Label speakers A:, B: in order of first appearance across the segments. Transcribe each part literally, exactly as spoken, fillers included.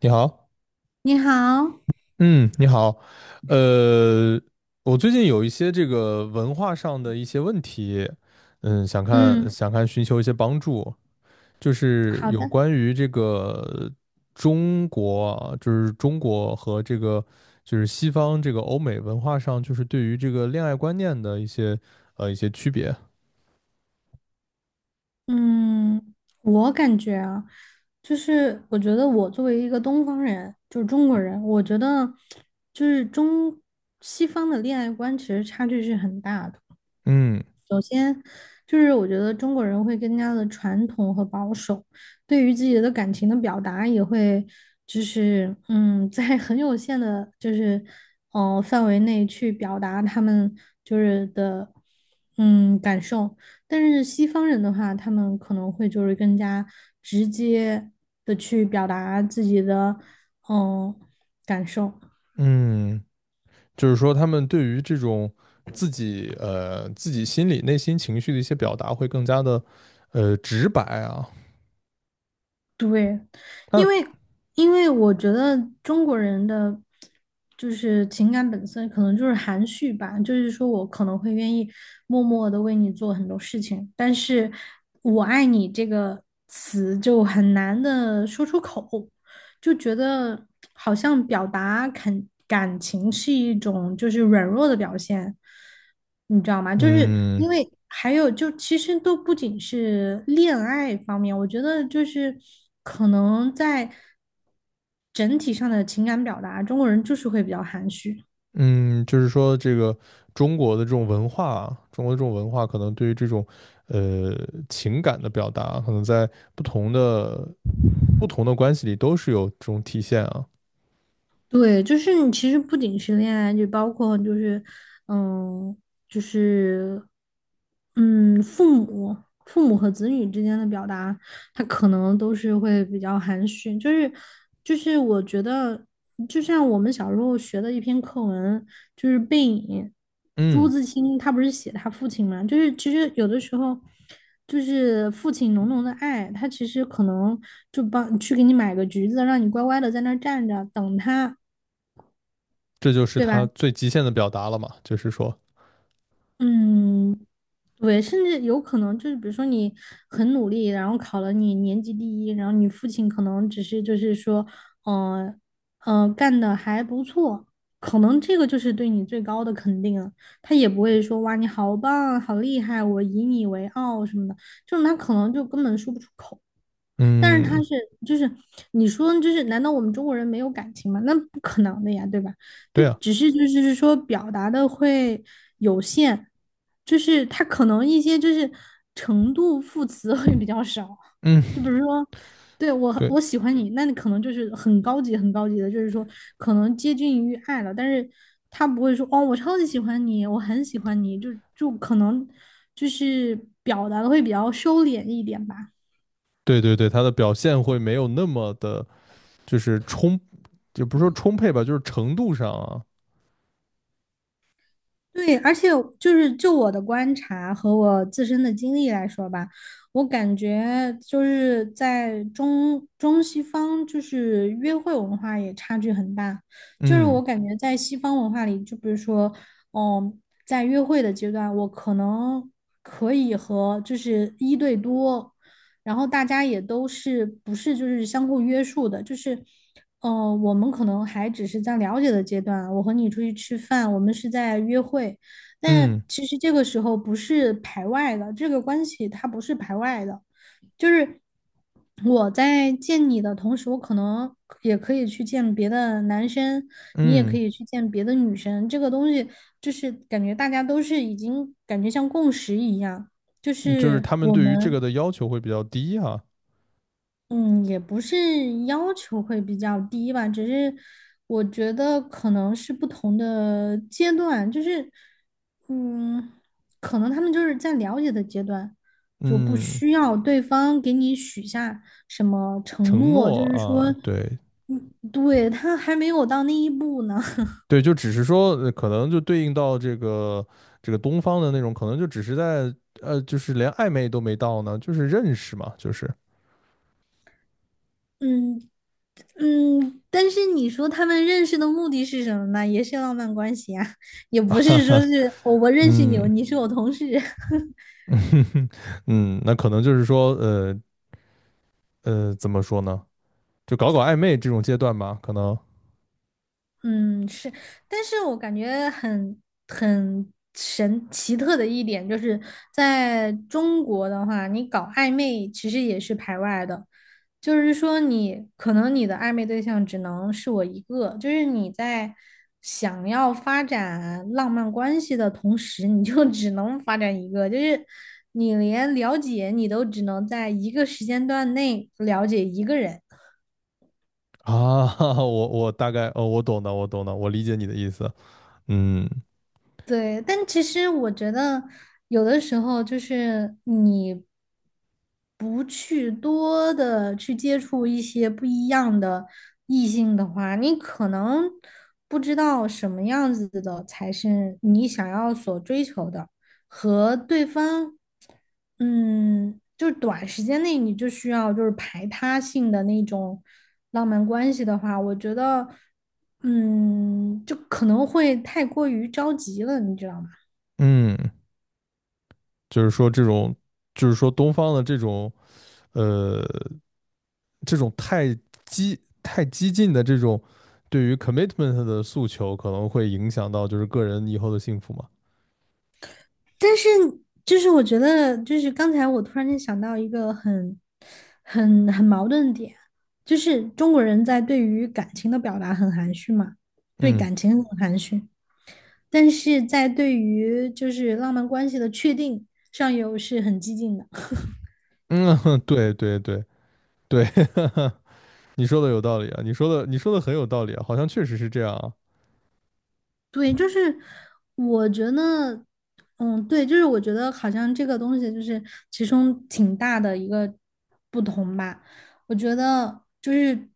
A: 你好。
B: 你好，
A: 嗯，你好。呃，我最近有一些这个文化上的一些问题，嗯，想看
B: 嗯，
A: 想看寻求一些帮助，就是
B: 好
A: 有
B: 的，
A: 关于这个中国啊，就是中国和这个就是西方这个欧美文化上，就是对于这个恋爱观念的一些呃一些区别。
B: 嗯，我感觉啊，就是我觉得我作为一个东方人，就是中国人，我觉得就是中西方的恋爱观其实差距是很大的。
A: 嗯
B: 就是我觉得中国人会更加的传统和保守，对于自己的感情的表达也会，就是嗯，在 很有限的，就是呃范围内去表达他们就是的嗯感受。但是西方人的话，他们可能会就是更加直接的去表达自己的嗯感受。
A: 嗯。就是说他们对于这种自己呃自己心里内心情绪的一些表达会更加的呃直白啊。
B: 对，因为
A: 那
B: 因为我觉得中国人的就是情感本身可能就是含蓄吧，就是说我可能会愿意默默的为你做很多事情，但是我爱你这个词就很难的说出口。就觉得好像表达肯感情是一种就是软弱的表现，你知道吗？就是
A: 嗯
B: 因为还有就其实都不仅是恋爱方面，我觉得就是可能在整体上的情感表达，中国人就是会比较含蓄。
A: 嗯，就是说这个中国的这种文化啊，中国的这种文化可能对于这种呃情感的表达，可能在不同的不同的关系里都是有这种体现啊。
B: 对，就是你其实不仅是恋爱，就包括就是，嗯，就是，嗯，父母、父母和子女之间的表达，他可能都是会比较含蓄，就是就是我觉得，就像我们小时候学的一篇课文，就是《背影》，朱
A: 嗯，
B: 自清他不是写他父亲嘛，就是其实有的时候。就是父亲浓浓的爱，他其实可能就帮去给你买个橘子，让你乖乖的在那儿站着等他，
A: 这就是
B: 对吧？
A: 他最极限的表达了嘛，就是说，
B: 嗯，对，甚至有可能就是，比如说你很努力，然后考了你年级第一，然后你父亲可能只是就是说，呃呃，干的还不错，可能这个就是对你最高的肯定了。他也不会说哇，你好棒，好厉害，我以你为傲什么的，就种他可能就根本说不出口。但是他
A: 嗯，
B: 是就是你说就是难道我们中国人没有感情吗？那不可能的呀，对吧？那
A: 对啊，
B: 只是就是说表达的会有限，就是他可能一些就是程度副词会比较少，就
A: 嗯，
B: 比如说。对，我，
A: 对
B: 我喜欢你，那你可能就是很高级、很高级的，就是说可能接近于爱了，但是他不会说哦，我超级喜欢你，我很喜欢你，就就可能就是表达的会比较收敛一点吧。
A: 对对对，他的表现会没有那么的。就是充，也不是说充沛吧，就是程度上啊。
B: 对，而且就是就我的观察和我自身的经历来说吧，我感觉就是在中中西方就是约会文化也差距很大。就是
A: 嗯
B: 我感觉在西方文化里，就比如说，嗯，在约会的阶段，我可能可以和就是一对多然后大家也都是不是就是相互约束的，就是，呃，我们可能还只是在了解的阶段啊，我和你出去吃饭，我们是在约会，但
A: 嗯
B: 其实这个时候不是排外的，这个关系它不是排外的，就是我在见你的同时，我可能也可以去见别的男生，你也可
A: 嗯，
B: 以去见别的女生，这个东西就是感觉大家都是已经感觉像共识一样，就
A: 嗯就是
B: 是
A: 他们
B: 我
A: 对于这个
B: 们。
A: 的要求会比较低啊。
B: 嗯，也不是要求会比较低吧，只是我觉得可能是不同的阶段，就是，嗯，可能他们就是在了解的阶段，就不
A: 嗯，
B: 需要对方给你许下什么承
A: 承
B: 诺，
A: 诺
B: 就是说，
A: 啊，对
B: 嗯，对，他还没有到那一步呢，
A: 对，就只是说呃可能就对应到这个这个东方的那种，可能就只是在呃，就是连暧昧都没到呢，就是认识嘛，就是，
B: 嗯嗯，但是你说他们认识的目的是什么呢？也是浪漫关系啊，也 不
A: 哈
B: 是说
A: 哈。
B: 是我我认识你，
A: 嗯
B: 你是我同事。
A: 嗯，那可能就是说呃呃，怎么说呢？就搞搞暧昧这种阶段吧，可能
B: 嗯，是，但是我感觉很很神奇特的一点，就是在中国的话，你搞暧昧其实也是排外的，就是说你可能你的暧昧对象只能是我一个，就是你在想要发展浪漫关系的同时，你就 只能发展一个，就是你连了解你都只能在一个时间段内了解一个人。
A: 啊，我我大概哦，我懂的，我懂的，我理解你的意思。嗯
B: 对，但其实我觉得有的时候就是你不去多的去接触一些不一样的异性的话，你可能不知道什么样子的才是你想要所追求的，和对方，嗯，就是短时间内你就需要就是排他性的那种。浪漫关系的话，我觉得，嗯，就可能会太过于着急了，你知道吗？
A: 嗯，就是说这种，就是说东方的这种呃，这种太激太激进的这种对于 commitment 的诉求，可能会影响到就是个人以后的幸福嘛。
B: 但是，就是我觉得，就是刚才我突然间想到一个很、很、很矛盾的点，就是中国人在对于感情的表达很含蓄嘛，对
A: 嗯
B: 感情很含蓄，但是在对于就是浪漫关系的确定上又是很激进的。
A: 嗯，对对对对，你说的有道理啊，你说的你说的很有道理啊，好像确实是这样啊。
B: 对，就是我觉得，嗯，对，就是我觉得好像这个东西就是其中挺大的一个不同吧。我觉得就是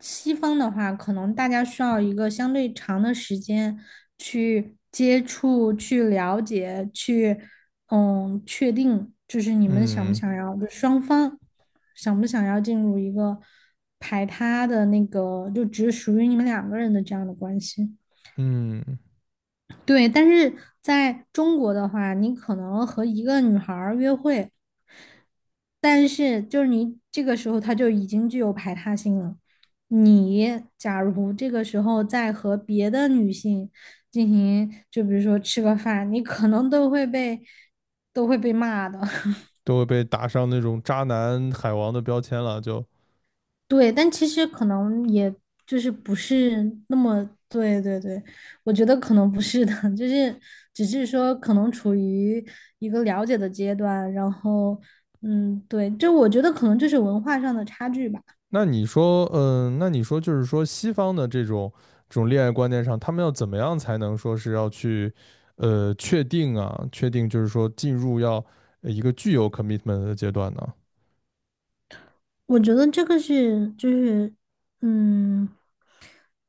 B: 西方的话，可能大家需要一个相对长的时间去接触、去了解、去嗯确定，就是你们想不
A: 嗯
B: 想要，就双方想不想要进入一个排他的那个，就只属于你们两个人的这样的关系。
A: 嗯，
B: 对，但是在中国的话，你可能和一个女孩儿约会，但是就是你这个时候她就已经具有排他性了。你假如这个时候再和别的女性进行，就比如说吃个饭，你可能都会被都会被骂的。
A: 都会被打上那种渣男海王的标签了，就。
B: 对，但其实可能也就是不是那么，对对对，我觉得可能不是的，就是只是说可能处于一个了解的阶段，然后嗯，对，就我觉得可能就是文化上的差距吧，
A: 那你说，嗯，那你说就是说，西方的这种这种恋爱观念上，他们要怎么样才能说是要去，呃，确定啊，确定就是说进入要呃一个具有 commitment 的阶段呢？
B: 我觉得这个是就是嗯，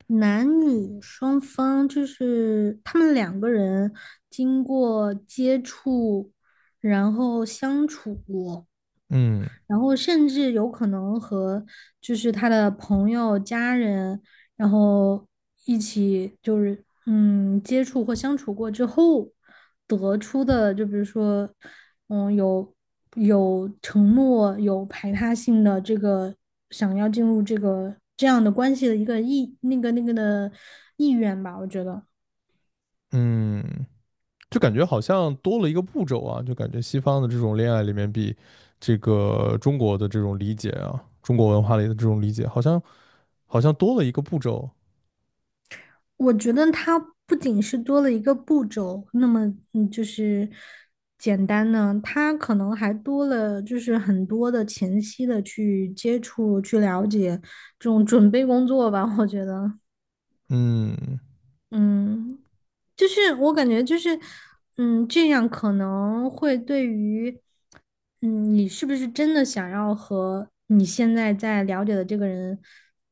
B: 男女双方就是他们两个人经过接触，然后相处。
A: 嗯
B: 然后甚至有可能和就是他的朋友、家人，然后一起就是嗯接触或相处过之后得出的，就比如说嗯有有承诺、有排他性的这个想要进入这个这样的关系的一个意那个那个的意愿吧，我觉得。
A: 嗯，就感觉好像多了一个步骤啊，就感觉西方的这种恋爱里面比这个中国的这种理解啊，中国文化里的这种理解，好像好像多了一个步骤。
B: 我觉得它不仅是多了一个步骤，那么嗯，就是简单呢，它可能还多了就是很多的前期的去接触、去了解这种准备工作吧，我觉得。
A: 嗯，
B: 嗯，就是我感觉就是，嗯，这样可能会对于，嗯，你是不是真的想要和你现在在了解的这个人，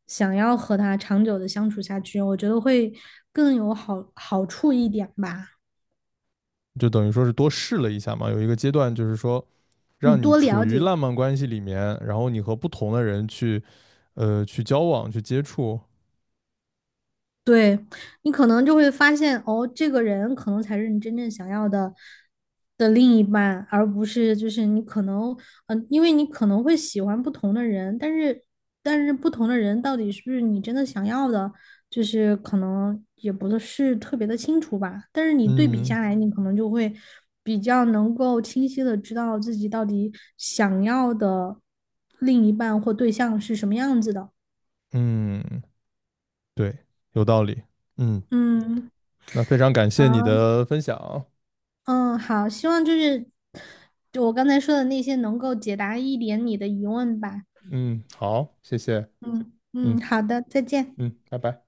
B: 想要和他长久的相处下去，我觉得会更有好好处一点吧。
A: 就等于说是多试了一下嘛，有一个阶段就是说。
B: 你
A: 让你
B: 多
A: 处
B: 了
A: 于
B: 解。
A: 浪漫关系里面，然后你和不同的人去，呃，去交往、去接触。
B: 对，你可能就会发现，哦，这个人可能才是你真正想要的的另一半，而不是就是你可能，嗯、因为你可能会喜欢不同的人，但是但是不同的人到底是不是你真的想要的，就是可能也不是特别的清楚吧。但是你对比
A: 嗯
B: 下来，你可能就会比较能够清晰的知道自己到底想要的另一半或对象是什么样子的。
A: 嗯，对，有道理。嗯，
B: 嗯，
A: 那非常感谢你
B: 好，
A: 的分享。
B: 嗯，好，希望就是就我刚才说的那些能够解答一点你的疑问吧。
A: 嗯，好，谢谢。
B: 嗯嗯，
A: 嗯
B: 好的，再见。
A: 嗯，拜拜。